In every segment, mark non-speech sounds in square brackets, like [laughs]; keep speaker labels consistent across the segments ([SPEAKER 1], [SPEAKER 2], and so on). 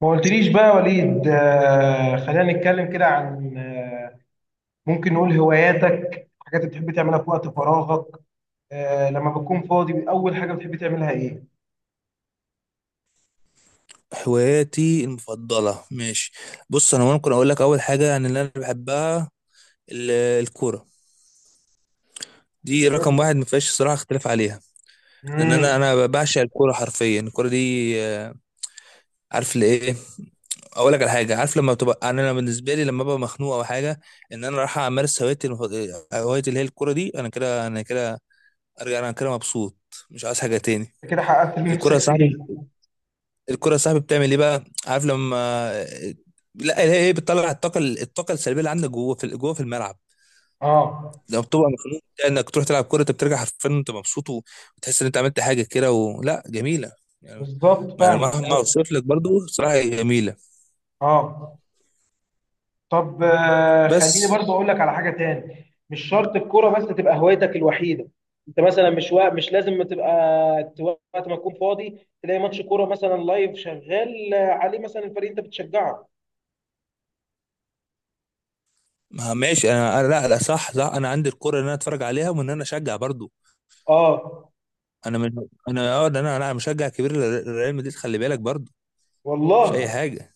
[SPEAKER 1] ما قلتليش بقى يا وليد، خلينا نتكلم كده عن ممكن نقول هواياتك، حاجات بتحب تعملها في وقت فراغك. لما بتكون فاضي، أول حاجة بتحب تعملها إيه؟
[SPEAKER 2] هواياتي المفضلة، ماشي. بص، أنا ممكن أقول لك أول حاجة يعني، اللي أنا بحبها، ال- الكورة. دي رقم واحد، ما فيهاش صراحة اختلاف عليها، لأن
[SPEAKER 1] امم
[SPEAKER 2] أنا بعشق الكورة حرفيا. الكورة دي، عارف لإيه؟ أقول لك على حاجة. عارف لما بتبقى، يعني أنا بالنسبة لي لما ببقى مخنوق أو حاجة، إن أنا رايح أمارس هوايتي المفضلة، هوايتي اللي هي الكورة دي، أنا كده، أرجع أنا كده مبسوط، مش عايز حاجة تاني.
[SPEAKER 1] كده حققت اللي
[SPEAKER 2] الكورة يا
[SPEAKER 1] نفسك فيه.
[SPEAKER 2] صاحبي، الكرة يا صاحبي بتعمل ايه بقى؟ عارف لما... لا، هي بتطلع الطاقة، الطاقة السلبية اللي عندك جوه، في الملعب.
[SPEAKER 1] اه،
[SPEAKER 2] لما بتبقى مخنوق، انك تروح تلعب كورة، انت بترجع حرفيا انت مبسوط، وتحس ان انت عملت حاجة كده، ولا جميلة يعني.
[SPEAKER 1] بالظبط
[SPEAKER 2] ما انا
[SPEAKER 1] فاهمك،
[SPEAKER 2] مهما
[SPEAKER 1] ايوه.
[SPEAKER 2] اوصف لك برضو، صراحة هي جميلة.
[SPEAKER 1] اه. طب خليني
[SPEAKER 2] بس
[SPEAKER 1] برضه اقول لك على حاجه تاني، مش شرط الكوره بس تبقى هوايتك الوحيده. انت مثلا مش لازم تبقى، وقت ما تكون فاضي تلاقي ماتش كوره مثلا لايف شغال عليه، مثلا الفريق انت بتشجعه.
[SPEAKER 2] ما ماشي، انا لا لا، صح صح، انا عندي الكرة ان انا اتفرج عليها، وان انا اشجع برضو.
[SPEAKER 1] اه.
[SPEAKER 2] انا من... انا ده، انا مشجع كبير لريال مدريد، خلي بالك، برضو مش اي
[SPEAKER 1] والله.
[SPEAKER 2] حاجة.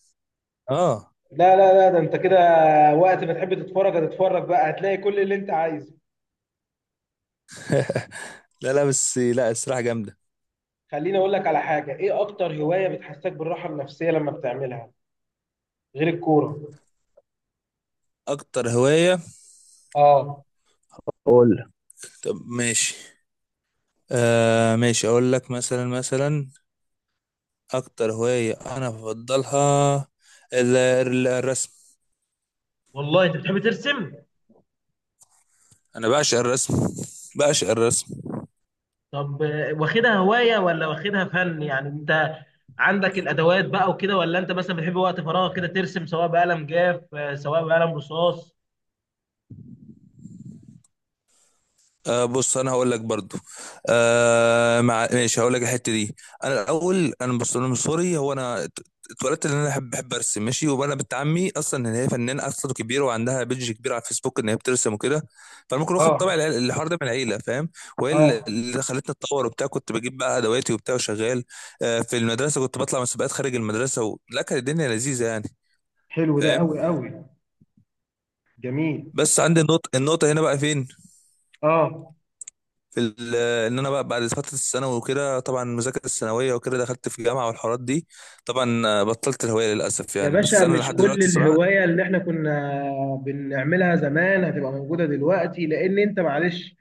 [SPEAKER 2] اه.
[SPEAKER 1] لا، لا، لا، ده انت كده، وقت ما تحب تتفرج هتتفرج بقى، هتلاقي كل اللي انت عايزه.
[SPEAKER 2] لا لا، بس لا، الصراحة جامدة.
[SPEAKER 1] خليني اقول لك على حاجه، ايه اكتر هوايه بتحسسك بالراحه النفسيه لما بتعملها غير الكوره؟
[SPEAKER 2] اكتر هواية؟
[SPEAKER 1] اه.
[SPEAKER 2] قول لي. طب ماشي. ماشي، اقول لك مثلا، اكتر هواية انا بفضلها، الرسم.
[SPEAKER 1] والله، انت بتحب ترسم؟
[SPEAKER 2] انا بعشق الرسم، بعشق الرسم.
[SPEAKER 1] طب واخدها هواية ولا واخدها فن؟ يعني انت عندك الادوات بقى وكده، ولا انت مثلا بتحب وقت فراغ كده ترسم، سواء بقلم جاف سواء بقلم رصاص؟
[SPEAKER 2] بص، انا هقول لك برضو. مع ماشي، هقول لك الحته دي. انا الاول، انا بص، انا من صغري، هو انا اتولدت ان انا بحب ارسم ماشي. وانا بنت عمي اصلا، ان هي فنانه اصلا كبيره، وعندها بيدج كبير على الفيسبوك ان هي بترسم وكده. فانا ممكن واخد
[SPEAKER 1] اه،
[SPEAKER 2] طبع الحوار ده من العيله، فاهم؟ وهي اللي
[SPEAKER 1] اه.
[SPEAKER 2] اللي خلتني اتطور وبتاع. كنت بجيب بقى ادواتي وبتاع وشغال. في المدرسه كنت بطلع مسابقات خارج المدرسه لا، كانت الدنيا لذيذه يعني،
[SPEAKER 1] حلو ده
[SPEAKER 2] فاهم؟
[SPEAKER 1] قوي قوي. جميل.
[SPEAKER 2] بس عندي النقطه، النقطه هنا بقى فين؟
[SPEAKER 1] اه.
[SPEAKER 2] ال- ان انا بقى بعد فتره الثانوي وكده، طبعا المذاكره الثانويه وكده، دخلت في جامعه والحوارات دي. طبعا بطلت الهوايه للاسف
[SPEAKER 1] يا
[SPEAKER 2] يعني، بس
[SPEAKER 1] باشا،
[SPEAKER 2] انا
[SPEAKER 1] مش
[SPEAKER 2] لحد
[SPEAKER 1] كل
[SPEAKER 2] دلوقتي صراحه.
[SPEAKER 1] الهواية اللي احنا كنا بنعملها زمان هتبقى موجودة دلوقتي، لان انت معلش،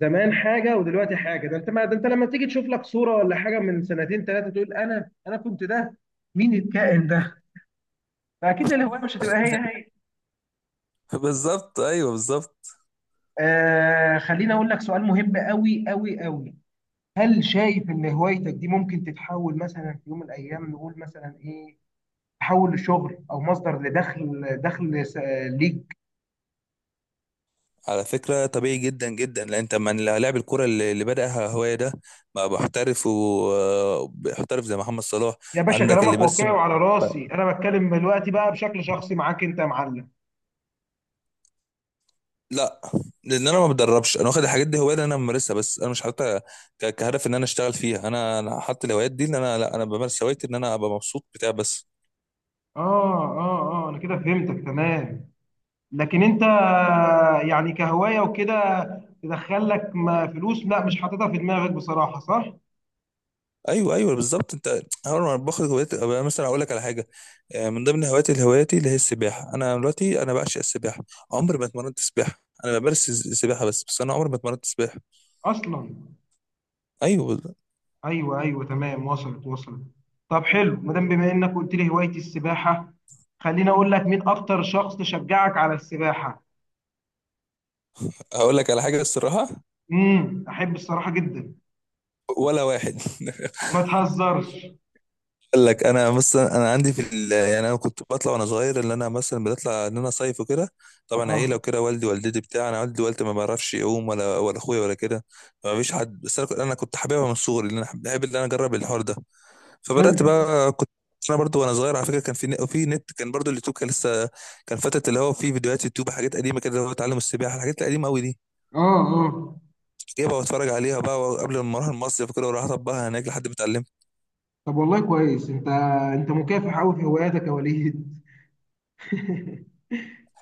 [SPEAKER 1] زمان حاجة ودلوقتي حاجة. ده انت، ما ده انت لما تيجي تشوف لك صورة ولا حاجة من سنتين ثلاثة تقول انا كنت ده، مين الكائن ده؟ فاكيد الهواية مش هتبقى هي هي.
[SPEAKER 2] [laughs] بالظبط، ايوه بالظبط.
[SPEAKER 1] خليني اقول لك سؤال مهم قوي قوي قوي. هل شايف ان هوايتك دي ممكن تتحول مثلا في يوم من الايام، نقول مثلا ايه، تحول لشغل او مصدر لدخل، ليك؟
[SPEAKER 2] على فكره طبيعي جدا جدا، لان انت من لاعب الكوره اللي بداها هوايه، ده بقى محترف، ومحترف زي محمد صلاح.
[SPEAKER 1] يا باشا،
[SPEAKER 2] عندك اللي
[SPEAKER 1] كلامك واقعي
[SPEAKER 2] بيرسم
[SPEAKER 1] وعلى راسي.
[SPEAKER 2] بقى-
[SPEAKER 1] انا بتكلم دلوقتي بقى بشكل شخصي معاك انت يا معلم.
[SPEAKER 2] لا، لان انا ما بدربش. انا واخد الحاجات دي هوايه، اللي انا بمارسها، بس انا مش حاططها كهدف ان انا اشتغل فيها. انا حاطط الهوايات دي ان انا لا، انا بمارس هوايتي ان انا ابقى مبسوط بتاع بس.
[SPEAKER 1] اه، اه، اه، انا كده فهمتك تمام. لكن انت، يعني كهواية وكده، تدخل لك فلوس، لا مش حاططها في دماغك بصراحة، صح؟
[SPEAKER 2] ايوه ايوه، بالظبط انت. اول ما باخد هوايات، أبقى مثلا اقول لك على حاجه، من ضمن هواياتي، اللي هي السباحه. انا دلوقتي انا بعشق السباحه. عمري ما اتمرنت سباحه. انا بمارس السباحه، بس انا عمري ما اتمرنت سباحه.
[SPEAKER 1] اصلا؟
[SPEAKER 2] ايوه بالظبط.
[SPEAKER 1] ايوه، ايوه، تمام، وصلت وصلت. طب حلو، بما انك قلت لي هوايه السباحه، خليني اقول لك، مين اكتر شخص شجعك على السباحه؟
[SPEAKER 2] هقول لك على حاجه، الصراحه،
[SPEAKER 1] احب الصراحه جدا.
[SPEAKER 2] ولا واحد. [laughs]
[SPEAKER 1] ما تهزرش.
[SPEAKER 2] اقول لك، انا مثلا انا عندي في ال... يعني انا كنت بطلع وانا صغير، اللي انا مثلا بطلع ان انا صيف وكده، طبعا
[SPEAKER 1] اه،
[SPEAKER 2] عيله وكده، والدي والدتي بتاع، انا والدي والدتي ما بعرفش يعوم، ولا اخويا ولا كده، ما فيش حد. بس أنا كنت حاببها من صغري، لان انا بحب ان انا اجرب الحوار ده. فبدات
[SPEAKER 1] حلو.
[SPEAKER 2] بقى، كنت انا برضو وانا صغير على فكره. كان في نت كان، برضو اليوتيوب كان لسه، كان فتره اللي هو في فيديوهات يوتيوب، حاجات قديمه كده، اللي هو تعلم السباحه، الحاجات القديمه قوي دي،
[SPEAKER 1] اه، اه.
[SPEAKER 2] جايبها واتفرج عليها بقى قبل ما اروح المصيف كده، واروح اطبقها هناك لحد ما اتعلمت.
[SPEAKER 1] طب والله كويس، انت مكافح قوي في هواياتك يا وليد. [laughs]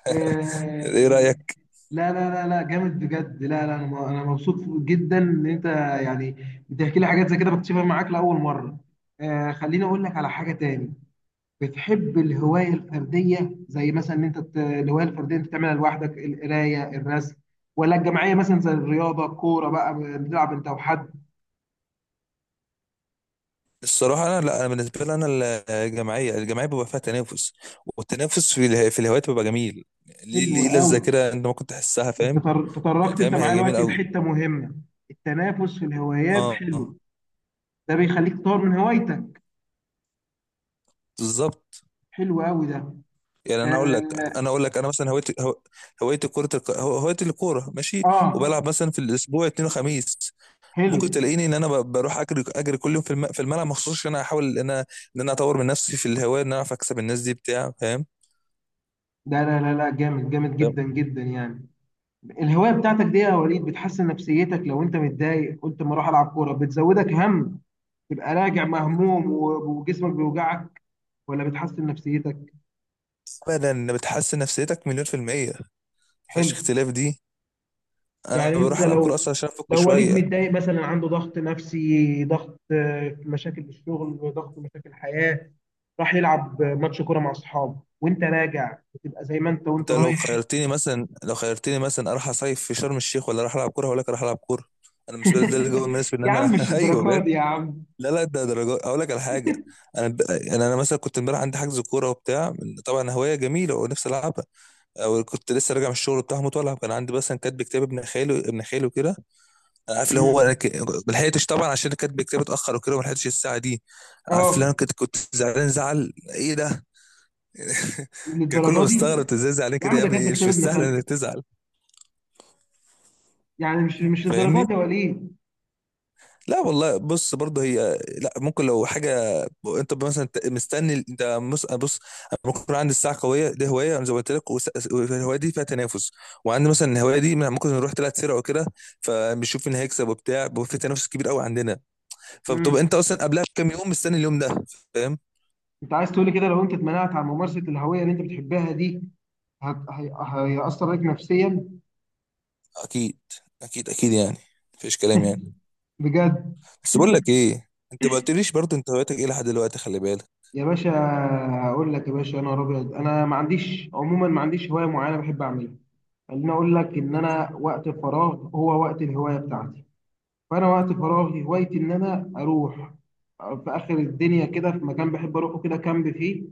[SPEAKER 1] آه،
[SPEAKER 2] ايه رايك؟
[SPEAKER 1] لا، لا، لا، لا، جامد بجد. لا، لا، انا مبسوط جدا ان انت، يعني، بتحكي لي حاجات زي كده بكتشفها معاك لاول مره. خليني اقول لك على حاجه تاني. بتحب الهواية الفردية، زي مثلا ان انت الهواية الفردية انت تعملها لوحدك، القراية، الرسم، ولا الجماعية مثلا زي الرياضة، الكورة بقى بتلعب انت وحد؟
[SPEAKER 2] الصراحه انا لا، انا بالنسبه لي انا، الجماعيه بيبقى فيها تنافس، والتنافس في في الهوايات بيبقى جميل، ليه؟
[SPEAKER 1] حلو
[SPEAKER 2] ليه لذه
[SPEAKER 1] قوي.
[SPEAKER 2] كده، انت ممكن تحسها،
[SPEAKER 1] انت
[SPEAKER 2] فاهم؟
[SPEAKER 1] تطرقت انت
[SPEAKER 2] فاهم،
[SPEAKER 1] معايا
[SPEAKER 2] هي جميل
[SPEAKER 1] دلوقتي
[SPEAKER 2] قوي.
[SPEAKER 1] لحتة مهمة. التنافس في الهوايات
[SPEAKER 2] اه،
[SPEAKER 1] حلو. ده بيخليك تطور من هوايتك.
[SPEAKER 2] بالظبط.
[SPEAKER 1] حلو قوي ده.
[SPEAKER 2] يعني انا اقول لك،
[SPEAKER 1] اه،
[SPEAKER 2] انا مثلا هوايتي هوايتي كره، هوايتي الكوره ماشي.
[SPEAKER 1] آه،
[SPEAKER 2] وبلعب مثلا في الاسبوع اثنين وخميس.
[SPEAKER 1] حلو
[SPEAKER 2] ممكن تلاقيني ان انا بروح اجري كل يوم في في الملعب مخصوص، عشان انا احاول ان انا، ان انا اطور من نفسي في الهوايه، ان انا اعرف اكسب الناس دي بتاع، فاهم؟
[SPEAKER 1] ده. لا، لا، لا، جامد جامد
[SPEAKER 2] فاهم.
[SPEAKER 1] جدا جدا يعني. الهواية بتاعتك دي يا وليد، بتحسن نفسيتك؟ لو انت متضايق قلت ما اروح العب كورة بتزودك هم، تبقى راجع مهموم وجسمك بيوجعك، ولا بتحسن نفسيتك؟
[SPEAKER 2] ابدا، بتحسن نفسيتك مليون في الميه، مفيهاش
[SPEAKER 1] حلو.
[SPEAKER 2] اختلاف دي. انا
[SPEAKER 1] يعني انت
[SPEAKER 2] بروح العب كوره
[SPEAKER 1] لو
[SPEAKER 2] اصلا عشان افك
[SPEAKER 1] لو وليد
[SPEAKER 2] شويه.
[SPEAKER 1] متضايق مثلا، عنده ضغط نفسي، ضغط مشاكل في الشغل، ضغط مشاكل حياة، راح يلعب ماتش كورة مع اصحابه، وانت راجع بتبقى زي ما انت وانت
[SPEAKER 2] انت لو
[SPEAKER 1] رايح.
[SPEAKER 2] خيرتني مثلا، اروح اصيف في شرم الشيخ ولا اروح العب كوره، هقول لك اروح العب كوره. انا مش ده الجو
[SPEAKER 1] [laughs]
[SPEAKER 2] المناسب ان
[SPEAKER 1] يا عم،
[SPEAKER 2] انا.
[SPEAKER 1] مش
[SPEAKER 2] [laughs] ايوه
[SPEAKER 1] الدرجة
[SPEAKER 2] بجد.
[SPEAKER 1] دي يا عم.
[SPEAKER 2] لا لا، ده درجات، اقول لك على حاجه. انا ب... انا مثلا كنت امبارح عندي حجز كوره وبتاع، طبعا هوايه جميله ونفسي العبها، او كنت لسه راجع من الشغل بتاع مطالع. كان عندي مثلا كاتب كتاب ابن خاله كده، انا عارف اللي هو
[SPEAKER 1] مم.
[SPEAKER 2] انا ك... ما لحقتش طبعا، عشان كاتب كتاب اتاخر وكده، ما لحقتش الساعه دي. عارف اللي
[SPEAKER 1] اه،
[SPEAKER 2] انا كنت زعلان، زعل ايه ده! [laughs] كان كله
[SPEAKER 1] للدرجة دي؟
[SPEAKER 2] مستغرب، إنت ازاي زعلان
[SPEAKER 1] يا
[SPEAKER 2] كده
[SPEAKER 1] عم،
[SPEAKER 2] يا
[SPEAKER 1] ده كاتب
[SPEAKER 2] ابني؟ مش
[SPEAKER 1] كتاب ابن
[SPEAKER 2] مستاهل
[SPEAKER 1] خالتي،
[SPEAKER 2] انك تزعل.
[SPEAKER 1] يعني مش للدرجة
[SPEAKER 2] فاهمني؟
[SPEAKER 1] دي يا وليد.
[SPEAKER 2] لا والله بص، برضه هي لا، ممكن لو حاجه. انت مثلا مستني، انت بص، أنا ممكن يكون عندي الساعه قويه دي هوايه، أنا زي ما قلت لك، والهوايه دي فيها تنافس، وعندي مثلا الهوايه دي ممكن نروح 3 سرعه وكده، فبنشوف مين هيكسب وبتاع، بيبقى في تنافس كبير قوي عندنا، فبتبقى انت
[SPEAKER 1] مم.
[SPEAKER 2] اصلا قبلها بكام يوم مستني اليوم ده، فاهم؟
[SPEAKER 1] انت عايز تقولي كده لو انت اتمنعت عن ممارسة الهوية اللي انت بتحبها دي، هيأثر عليك نفسيا؟
[SPEAKER 2] اكيد، اكيد اكيد يعني، مفيش كلام يعني.
[SPEAKER 1] بجد؟
[SPEAKER 2] بس بقول لك ايه، انت ما قلتليش برضه انت هوايتك ايه لحد دلوقتي، خلي بالك.
[SPEAKER 1] يا باشا، هقول لك يا باشا. انا ابيض، انا ما عنديش عموما، ما عنديش هوايه معينه بحب اعملها. خليني اقول لك، ان انا وقت الفراغ هو وقت الهوايه بتاعتي. فانا وقت فراغي هوايتي ان انا اروح في اخر الدنيا كده، في مكان بحب اروحه كده، كامب فيه،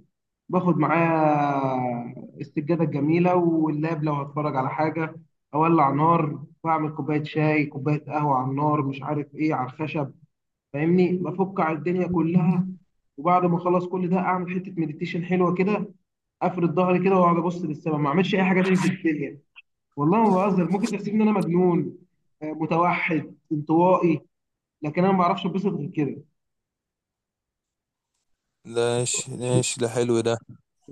[SPEAKER 1] باخد معايا السجاده الجميله واللاب لو هتفرج على حاجه، اولع نار، واعمل كوبايه شاي، كوبايه قهوه على النار، مش عارف ايه، على الخشب. فاهمني، بفك على الدنيا كلها. وبعد ما اخلص كل ده، اعمل حته مديتيشن حلوه كده، افرد ظهري كده واقعد ابص للسما، ما اعملش اي حاجه تاني في الدنيا. والله ما بهزر، ممكن تحسبني ان انا مجنون، متوحد، انطوائي، لكن انا ما بعرفش اتبسط غير كده.
[SPEAKER 2] ماشي ماشي، ده حلو ده.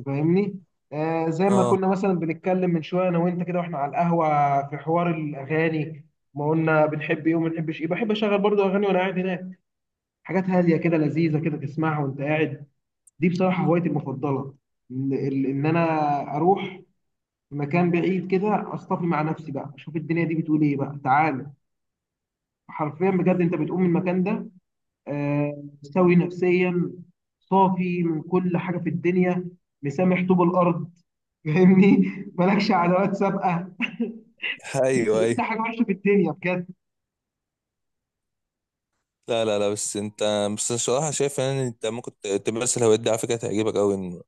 [SPEAKER 1] فاهمني. زي ما
[SPEAKER 2] اه،
[SPEAKER 1] كنا مثلا بنتكلم من شويه انا وانت كده، واحنا على القهوه، في حوار الاغاني، ما قلنا بنحب ايه وما بنحبش ايه، بحب اشغل برضو اغاني وانا قاعد هناك، حاجات هاديه كده، لذيذه كده، تسمعها وانت قاعد. دي بصراحة هوايتي المفضلة، إن أنا أروح مكان بعيد كده، أصطفي مع نفسي بقى، أشوف الدنيا دي بتقول إيه بقى، تعالى. حرفيا بجد أنت بتقوم من المكان ده مستوي نفسيا، صافي من كل حاجة في الدنيا، مسامح طوب الأرض. [laughs] فاهمني، مالكش عداوات سابقة، بس
[SPEAKER 2] ايوه
[SPEAKER 1] كل
[SPEAKER 2] ايوه.
[SPEAKER 1] حاجة وحشة في الدنيا بجد.
[SPEAKER 2] لا لا لا، بس انت، بس الصراحه شايف ان انت ممكن تمارس الهوايات دي على فكره، تعجبك قوي، ان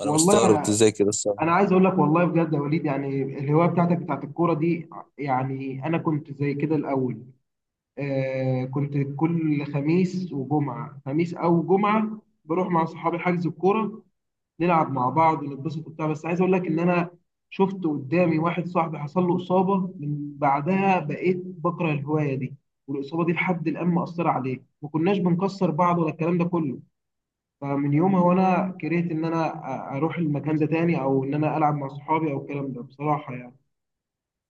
[SPEAKER 2] انا
[SPEAKER 1] والله،
[SPEAKER 2] مستغرب انت ازاي كده،
[SPEAKER 1] أنا
[SPEAKER 2] الصراحه.
[SPEAKER 1] عايز أقول لك والله بجد يا وليد، يعني الهواية بتاعتك بتاعت الكورة دي، يعني أنا كنت زي كده الأول، كنت كل خميس وجمعة، خميس أو جمعة، بروح مع صحابي حجز الكورة، نلعب مع بعض ونتبسط وبتاع. بس عايز أقول لك إن أنا شفت قدامي واحد صاحبي حصل له إصابة، من بعدها بقيت بكره الهواية دي. والإصابة دي لحد الآن مأثرة عليه، ما كناش بنكسر بعض ولا الكلام ده كله. فمن يومها وأنا كرهت إن أنا أروح المكان ده تاني، أو إن أنا ألعب مع صحابي، أو الكلام ده بصراحة يعني.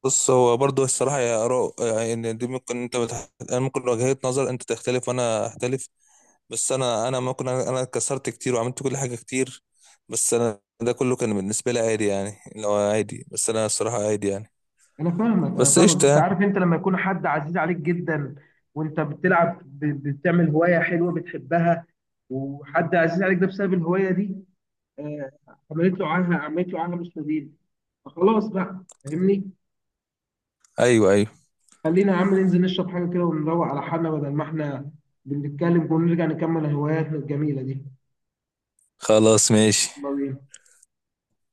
[SPEAKER 2] بص، هو برضه الصراحه يا اراء، يعني ان دي ممكن انت بتح... انا ممكن وجهه نظر انت تختلف وانا اختلف. بس انا ممكن انا اتكسرت كتير وعملت كل حاجه كتير، بس انا ده كله كان بالنسبه لي عادي يعني، لو عادي، بس انا الصراحه عادي يعني.
[SPEAKER 1] انا فاهمك، انا
[SPEAKER 2] بس
[SPEAKER 1] فاهمك،
[SPEAKER 2] قشطه
[SPEAKER 1] بس
[SPEAKER 2] يعني.
[SPEAKER 1] عارف انت لما يكون حد عزيز عليك جدا، وانت بتلعب، بتعمل هوايه حلوه بتحبها، وحد عزيز عليك ده بسبب الهوايه دي، آه، عملت له عنها، عملت له عنها مستديل، فخلاص بقى، فاهمني.
[SPEAKER 2] ايوه ايوه،
[SPEAKER 1] خلينا يا عم ننزل نشرب حاجه كده ونروق على حالنا، بدل ما احنا بنتكلم، ونرجع نكمل هواياتنا الجميله دي.
[SPEAKER 2] خلاص ماشي.
[SPEAKER 1] يلا بينا.